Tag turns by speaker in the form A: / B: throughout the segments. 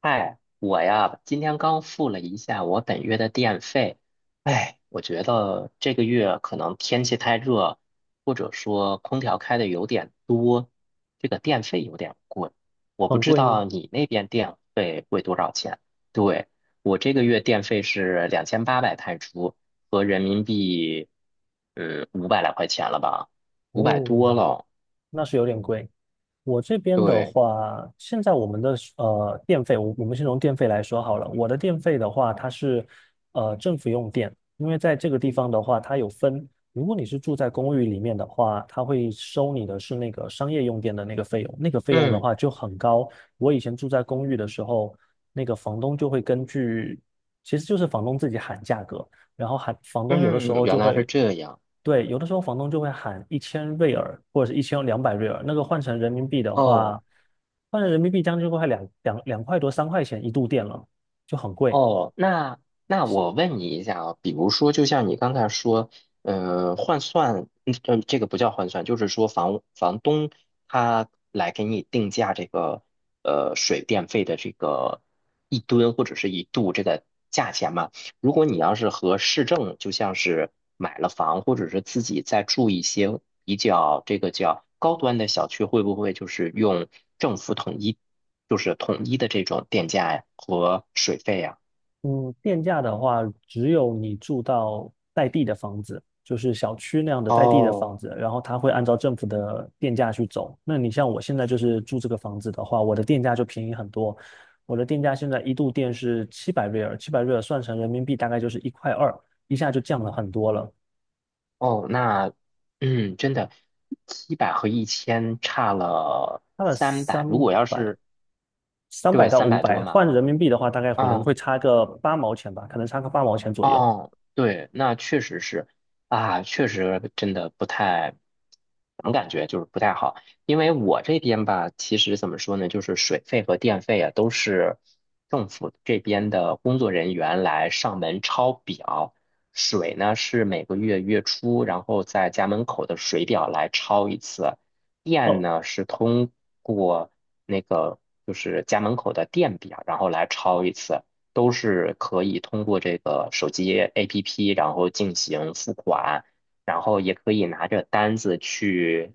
A: 嗨，我呀，今天刚付了一下我本月的电费。哎，我觉得这个月可能天气太热，或者说空调开的有点多，这个电费有点贵。我不
B: 很
A: 知
B: 贵吗？
A: 道你那边电费贵多少钱？对，我这个月电费是两千八百泰铢，合人民币，五百来块钱了吧？五百
B: 哦，
A: 多了。
B: 那是有点贵。我这边的
A: 对，
B: 话，现在我们的电费，我们先从电费来说好了。我的电费的话，它是政府用电，因为在这个地方的话，它有分。如果你是住在公寓里面的话，它会收你的是那个商业用电的那个费用，那个费用的
A: 嗯
B: 话就很高。我以前住在公寓的时候，那个房东就会根据，其实就是房东自己喊价格。然后喊房东有的时
A: 嗯，
B: 候
A: 原
B: 就
A: 来是
B: 会
A: 这样。
B: 对，有的时候房东就会喊1000瑞尔或者是1200瑞尔，那个换成人民币的
A: 哦，
B: 话，换成人民币将近快两块多三块钱一度电了，就很贵。
A: 哦，那我问你一下啊，比如说，就像你刚才说，嗯，换算，嗯，呃这个不叫换算，就是说房东他来给你定价这个水电费的这个一吨或者是一度这个价钱嘛。如果你要是和市政，就像是买了房或者是自己在住一些比较这个叫高端的小区，会不会就是用政府统一，就是统一的这种电价呀和水费呀？
B: 嗯，电价的话，只有你住到带地的房子，就是小区那样的带地的房
A: 哦
B: 子，然后它会按照政府的电价去走。那你像我现在就是住这个房子的话，我的电价就便宜很多。我的电价现在一度电是七百瑞尔，七百瑞尔算成人民币大概就是一块二，一下就降了很多了。
A: 哦，那真的，700和一千差了
B: 差了
A: 三
B: 三
A: 百。如果要
B: 百，
A: 是
B: 三百
A: 对
B: 到
A: 三
B: 五
A: 百多
B: 百，
A: 嘛，
B: 换人民币的话，大概可能
A: 啊、
B: 会差个八毛钱吧，可能差个八毛钱左右。
A: 哦，对，那确实是啊，确实真的不太，怎么感觉就是不太好，因为我这边吧，其实怎么说呢，就是水费和电费啊，都是政府这边的工作人员来上门抄表，水呢是每个月月初，然后在家门口的水表来抄一次，电
B: 哦，
A: 呢是通过那个就是家门口的电表，然后来抄一次。都是可以通过这个手机 APP，然后进行付款，然后也可以拿着单子去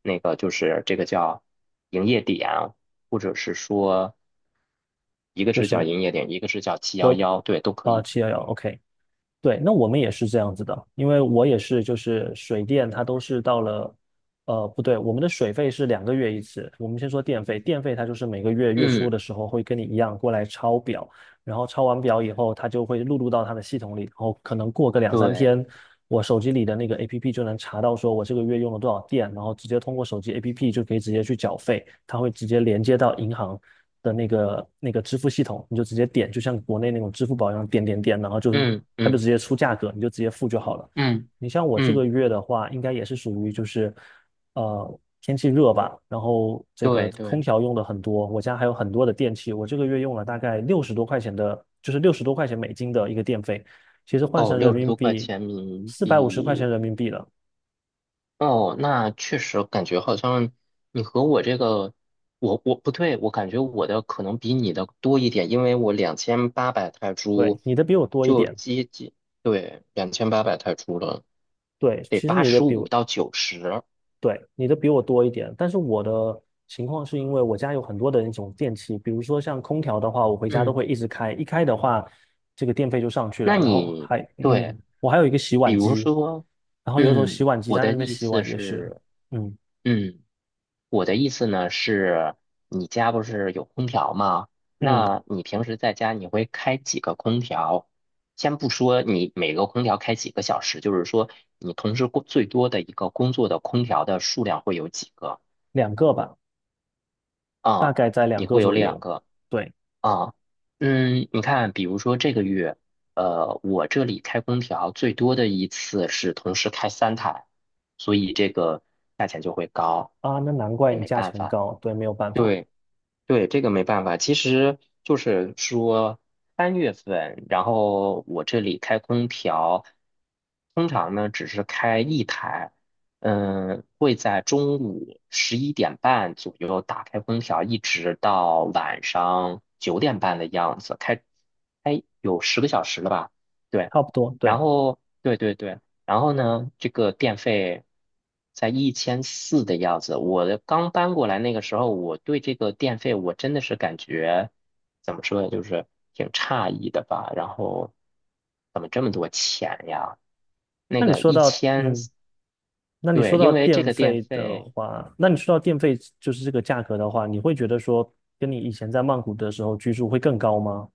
A: 那个就是这个叫营业点，或者是说一个
B: 就
A: 是叫
B: 是
A: 营业点，一个是叫七幺
B: 我
A: 幺，对，都可
B: 啊
A: 以。
B: 711，OK，对，那我们也是这样子的，因为我也是就是水电它都是到了，不对，我们的水费是两个月一次，我们先说电费，电费它就是每个月月初
A: 嗯，
B: 的时候会跟你一样过来抄表，然后抄完表以后，它就会录入到它的系统里，然后可能过个两三
A: 对，
B: 天。我手机里的那个 APP 就能查到说我这个月用了多少电，然后直接通过手机 APP 就可以直接去缴费，它会直接连接到银行的那个支付系统，你就直接点，就像国内那种支付宝一样点点点，然后就是
A: 嗯
B: 它就直
A: 嗯
B: 接出价格，你就直接付就好了。
A: 嗯
B: 你像我这个
A: 嗯，
B: 月的话，应该也是属于就是，天气热吧，然后这个
A: 对对。
B: 空调用的很多，我家还有很多的电器，我这个月用了大概六十多块钱的，就是六十多块钱美金的一个电费，其实换
A: 哦，
B: 成人
A: 六十
B: 民
A: 多块
B: 币，
A: 钱人民
B: 450块钱
A: 币。
B: 人民币了。
A: 哦，那确实感觉好像你和我这个，我不对，我感觉我的可能比你的多一点，因为我两千八百泰
B: 对，
A: 铢
B: 你的比我多一
A: 就
B: 点。
A: 接近，对，两千八百泰铢了，
B: 对，
A: 得
B: 其实
A: 八
B: 你的
A: 十
B: 比
A: 五
B: 我，
A: 到九十。
B: 对，你的比我多一点。但是我的情况是因为我家有很多的那种电器，比如说像空调的话，我回家都
A: 嗯，
B: 会一直开，一开的话，这个电费就上去
A: 那
B: 了。然后
A: 你
B: 还，
A: 对，
B: 我还有一个洗
A: 比
B: 碗
A: 如
B: 机，
A: 说，
B: 然后有时候洗碗机
A: 我
B: 它在
A: 的
B: 那边
A: 意
B: 洗
A: 思
B: 碗也是，
A: 是，
B: 嗯
A: 嗯。我的意思呢是，你家不是有空调吗？
B: 嗯，
A: 那你平时在家你会开几个空调？先不说你每个空调开几个小时，就是说你同时工最多的一个工作的空调的数量会有几个
B: 两个吧，大
A: 啊？
B: 概在两
A: 你
B: 个
A: 会有
B: 左
A: 两
B: 右。
A: 个
B: 对
A: 啊？嗯，你看，比如说这个月，我这里开空调最多的一次是同时开3台，所以这个价钱就会高，
B: 啊，那难怪
A: 也
B: 你
A: 没
B: 价
A: 办
B: 钱
A: 法。
B: 高，对，没有办法，
A: 对。对，这个没办法，其实就是说3月份，然后我这里开空调，通常呢只是开一台，嗯，会在中午11点半左右打开空调，一直到晚上9点半的样子，开有10个小时了吧？对，
B: 差不多，
A: 然
B: 对。
A: 后对对对。然后呢，这个电费在一千四的样子。我的刚搬过来那个时候，我对这个电费我真的是感觉怎么说呢，就是挺诧异的吧。然后怎么这么多钱呀？那
B: 那你
A: 个
B: 说
A: 一
B: 到，
A: 千，
B: 嗯，那你
A: 对，
B: 说到
A: 因为这
B: 电
A: 个电
B: 费的
A: 费。
B: 话，那你说到电费就是这个价格的话，你会觉得说跟你以前在曼谷的时候居住会更高吗？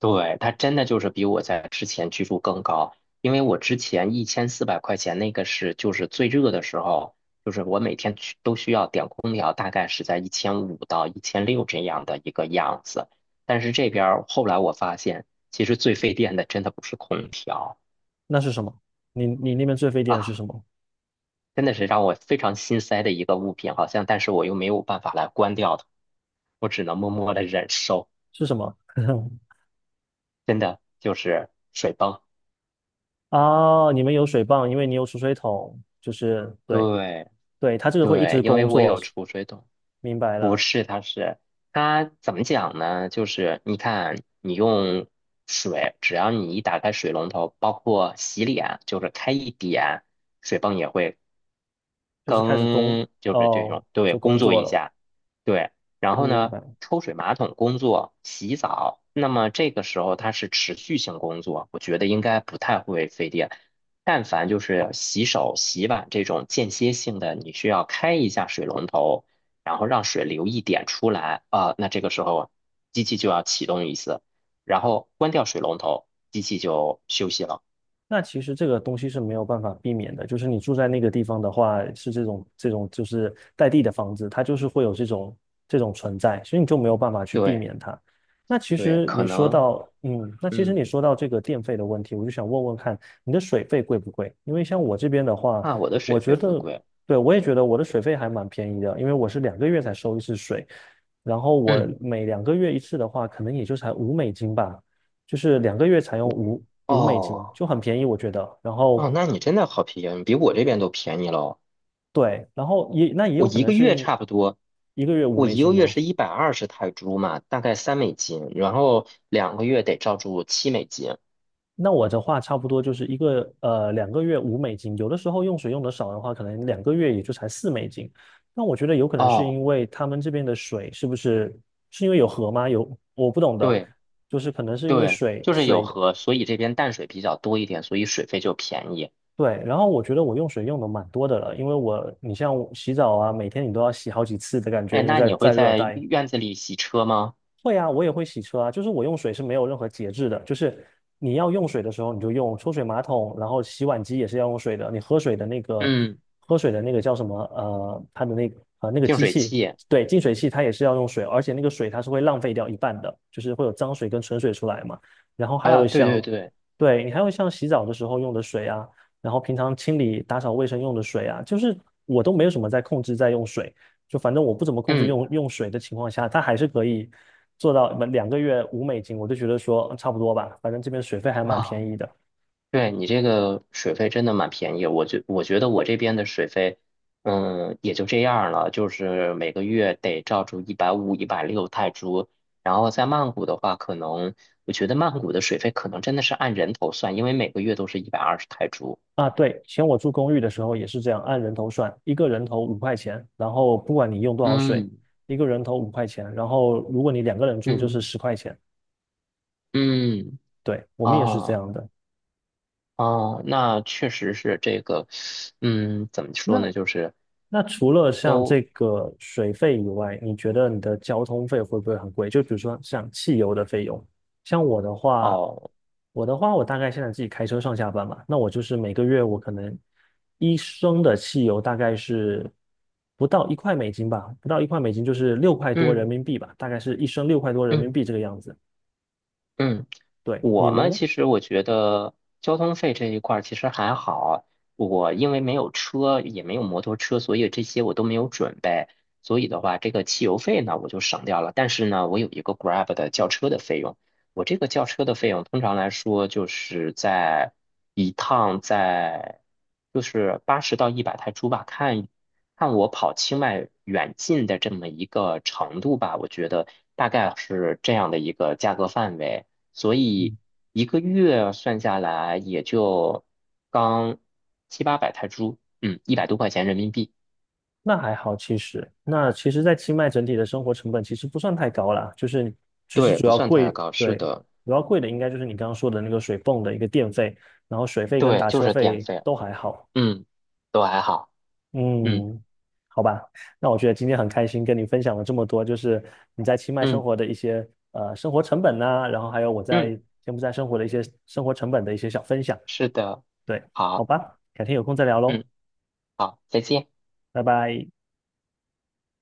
A: 对，它真的就是比我在之前居住更高，因为我之前1400块钱那个是就是最热的时候，就是我每天去都需要点空调，大概是在1500到1600这样的一个样子。但是这边儿后来我发现，其实最费电的真的不是空调
B: 那是什么？你那边最费电的是
A: 啊，
B: 什么？
A: 真的是让我非常心塞的一个物品，好像但是我又没有办法来关掉它，我只能默默的忍受，
B: 是什么？
A: 真的就是水泵。
B: 啊，你们有水泵，因为你有储水桶，就是对
A: 对
B: 对，它这个会一
A: 对，
B: 直
A: 因为
B: 工
A: 我
B: 作，
A: 有储水桶。
B: 明白
A: 不
B: 了，
A: 是，它是它怎么讲呢？就是你看，你用水，只要你一打开水龙头，包括洗脸，就是开一点，水泵也会
B: 就是开始工
A: 更就是这
B: 哦，
A: 种，对，
B: 就
A: 工
B: 工
A: 作
B: 作
A: 一
B: 了，
A: 下，对，然后
B: 明
A: 呢，
B: 白。
A: 抽水马桶工作、洗澡，那么这个时候它是持续性工作，我觉得应该不太会费电。但凡就是洗手、洗碗这种间歇性的，你需要开一下水龙头，然后让水流一点出来啊，那这个时候机器就要启动一次，然后关掉水龙头，机器就休息了。
B: 那其实这个东西是没有办法避免的，就是你住在那个地方的话，是这种就是带地的房子，它就是会有这种存在，所以你就没有办法去避
A: 对
B: 免它。
A: 对，可能
B: 那其实你
A: 嗯，
B: 说到这个电费的问题，我就想问问看，你的水费贵不贵？因为像我这边的话，
A: 啊，我的水
B: 我觉
A: 费不
B: 得，
A: 贵。
B: 对，我也觉得我的水费还蛮便宜的，因为我是两个月才收一次水，然后我
A: 嗯。
B: 每两个月一次的话，可能也就才五美金吧，就是两个月才用五美金，
A: 哦，
B: 就很便宜，我觉得。然
A: 哦，
B: 后
A: 那你真的好便宜，比我这边都便宜喽。
B: 对，然后也那也
A: 我
B: 有可
A: 一
B: 能
A: 个
B: 是
A: 月
B: 因
A: 差不多，
B: 一个月五
A: 我
B: 美
A: 一个
B: 金
A: 月
B: 吗？
A: 是一百二十泰铢嘛，大概3美金，然后2个月得照住7美金。
B: 那我的话差不多就是一个呃两个月五美金，有的时候用水用的少的话，可能两个月也就才四美金。那我觉得有可能是
A: 哦，
B: 因为他们这边的水是不是是因为有河吗？有我不懂的，
A: 对
B: 就是可能是因为
A: 对，
B: 水
A: 就是有
B: 水的。
A: 河，所以这边淡水比较多一点，所以水费就便宜。
B: 对，然后我觉得我用水用的蛮多的了，因为我你像我洗澡啊，每天你都要洗好几次的感觉，
A: 哎，
B: 因为
A: 那
B: 在
A: 你会
B: 在热
A: 在
B: 带，
A: 院子里洗车吗？
B: 会啊，我也会洗车啊，就是我用水是没有任何节制的，就是你要用水的时候你就用抽水马桶，然后洗碗机也是要用水的，你喝水的那个
A: 嗯，
B: 喝水的那个叫什么，它的那个
A: 净
B: 机
A: 水
B: 器，
A: 器。
B: 对，净水器它也是要用水，而且那个水它是会浪费掉一半的，就是会有脏水跟纯水出来嘛。然后还
A: 啊，
B: 有
A: 对对
B: 像，
A: 对，
B: 对，你还有像洗澡的时候用的水啊，然后平常清理打扫卫生用的水啊，就是我都没有什么在控制在用水。就反正我不怎么控制
A: 嗯。
B: 用水的情况下，它还是可以做到两个月五美金，我就觉得说嗯差不多吧，反正这边水费还蛮
A: 啊。
B: 便宜的
A: 对你这个水费真的蛮便宜，我觉得我这边的水费，嗯，也就这样了，就是每个月得照住150、160泰铢。然后在曼谷的话，可能我觉得曼谷的水费可能真的是按人头算，因为每个月都是一百二十泰铢。
B: 啊。对，以前我住公寓的时候也是这样，按人头算，一个人头五块钱，然后不管你用多少水，
A: 嗯
B: 一个人头五块钱，然后如果你两个人住就是
A: 嗯
B: 十块钱。
A: 嗯，
B: 对，我们也是这
A: 哦
B: 样的。
A: 哦，那确实是这个，嗯，怎么
B: 那
A: 说呢，就是
B: 那除了像
A: 都
B: 这个水费以外，你觉得你的交通费会不会很贵？就比如说像汽油的费用，像我的话，
A: 哦，
B: 我大概现在自己开车上下班嘛，那我就是每个月我可能一升的汽油大概是不到一块美金吧，不到一块美金就是六块多人
A: 嗯
B: 民币吧，大概是一升六块多人民
A: 嗯
B: 币这个样子。
A: 嗯。
B: 对，你
A: 我
B: 们
A: 们
B: 呢？
A: 其实我觉得交通费这一块儿其实还好，我因为没有车，也没有摩托车，所以这些我都没有准备。所以的话，这个汽油费呢我就省掉了。但是呢，我有一个 Grab 的叫车的费用，我这个叫车的费用通常来说就是在一趟在就是80到100泰铢吧，看看我跑清迈远近的这么一个程度吧，我觉得大概是这样的一个价格范围。所以一个月算下来也就刚七八百泰铢，嗯，一百多块钱人民币。
B: 那还好，其实那其实，在清迈整体的生活成本其实不算太高啦，就是其实
A: 对，
B: 主
A: 不
B: 要
A: 算
B: 贵，
A: 太高，是
B: 对，
A: 的。
B: 主要贵的应该就是你刚刚说的那个水泵的一个电费，然后水费跟
A: 对，
B: 打
A: 就
B: 车
A: 是电
B: 费
A: 费，
B: 都还好。
A: 嗯，都还好，嗯
B: 嗯，好吧，那我觉得今天很开心跟你分享了这么多，就是你在清迈生
A: 嗯
B: 活的一些生活成本呐、然后还有我在
A: 嗯，
B: 柬埔寨生活的一些生活成本的一些小分享。
A: 是的，
B: 对，好
A: 好，
B: 吧，改天有空再聊喽，
A: 嗯，好，再见。
B: 拜拜。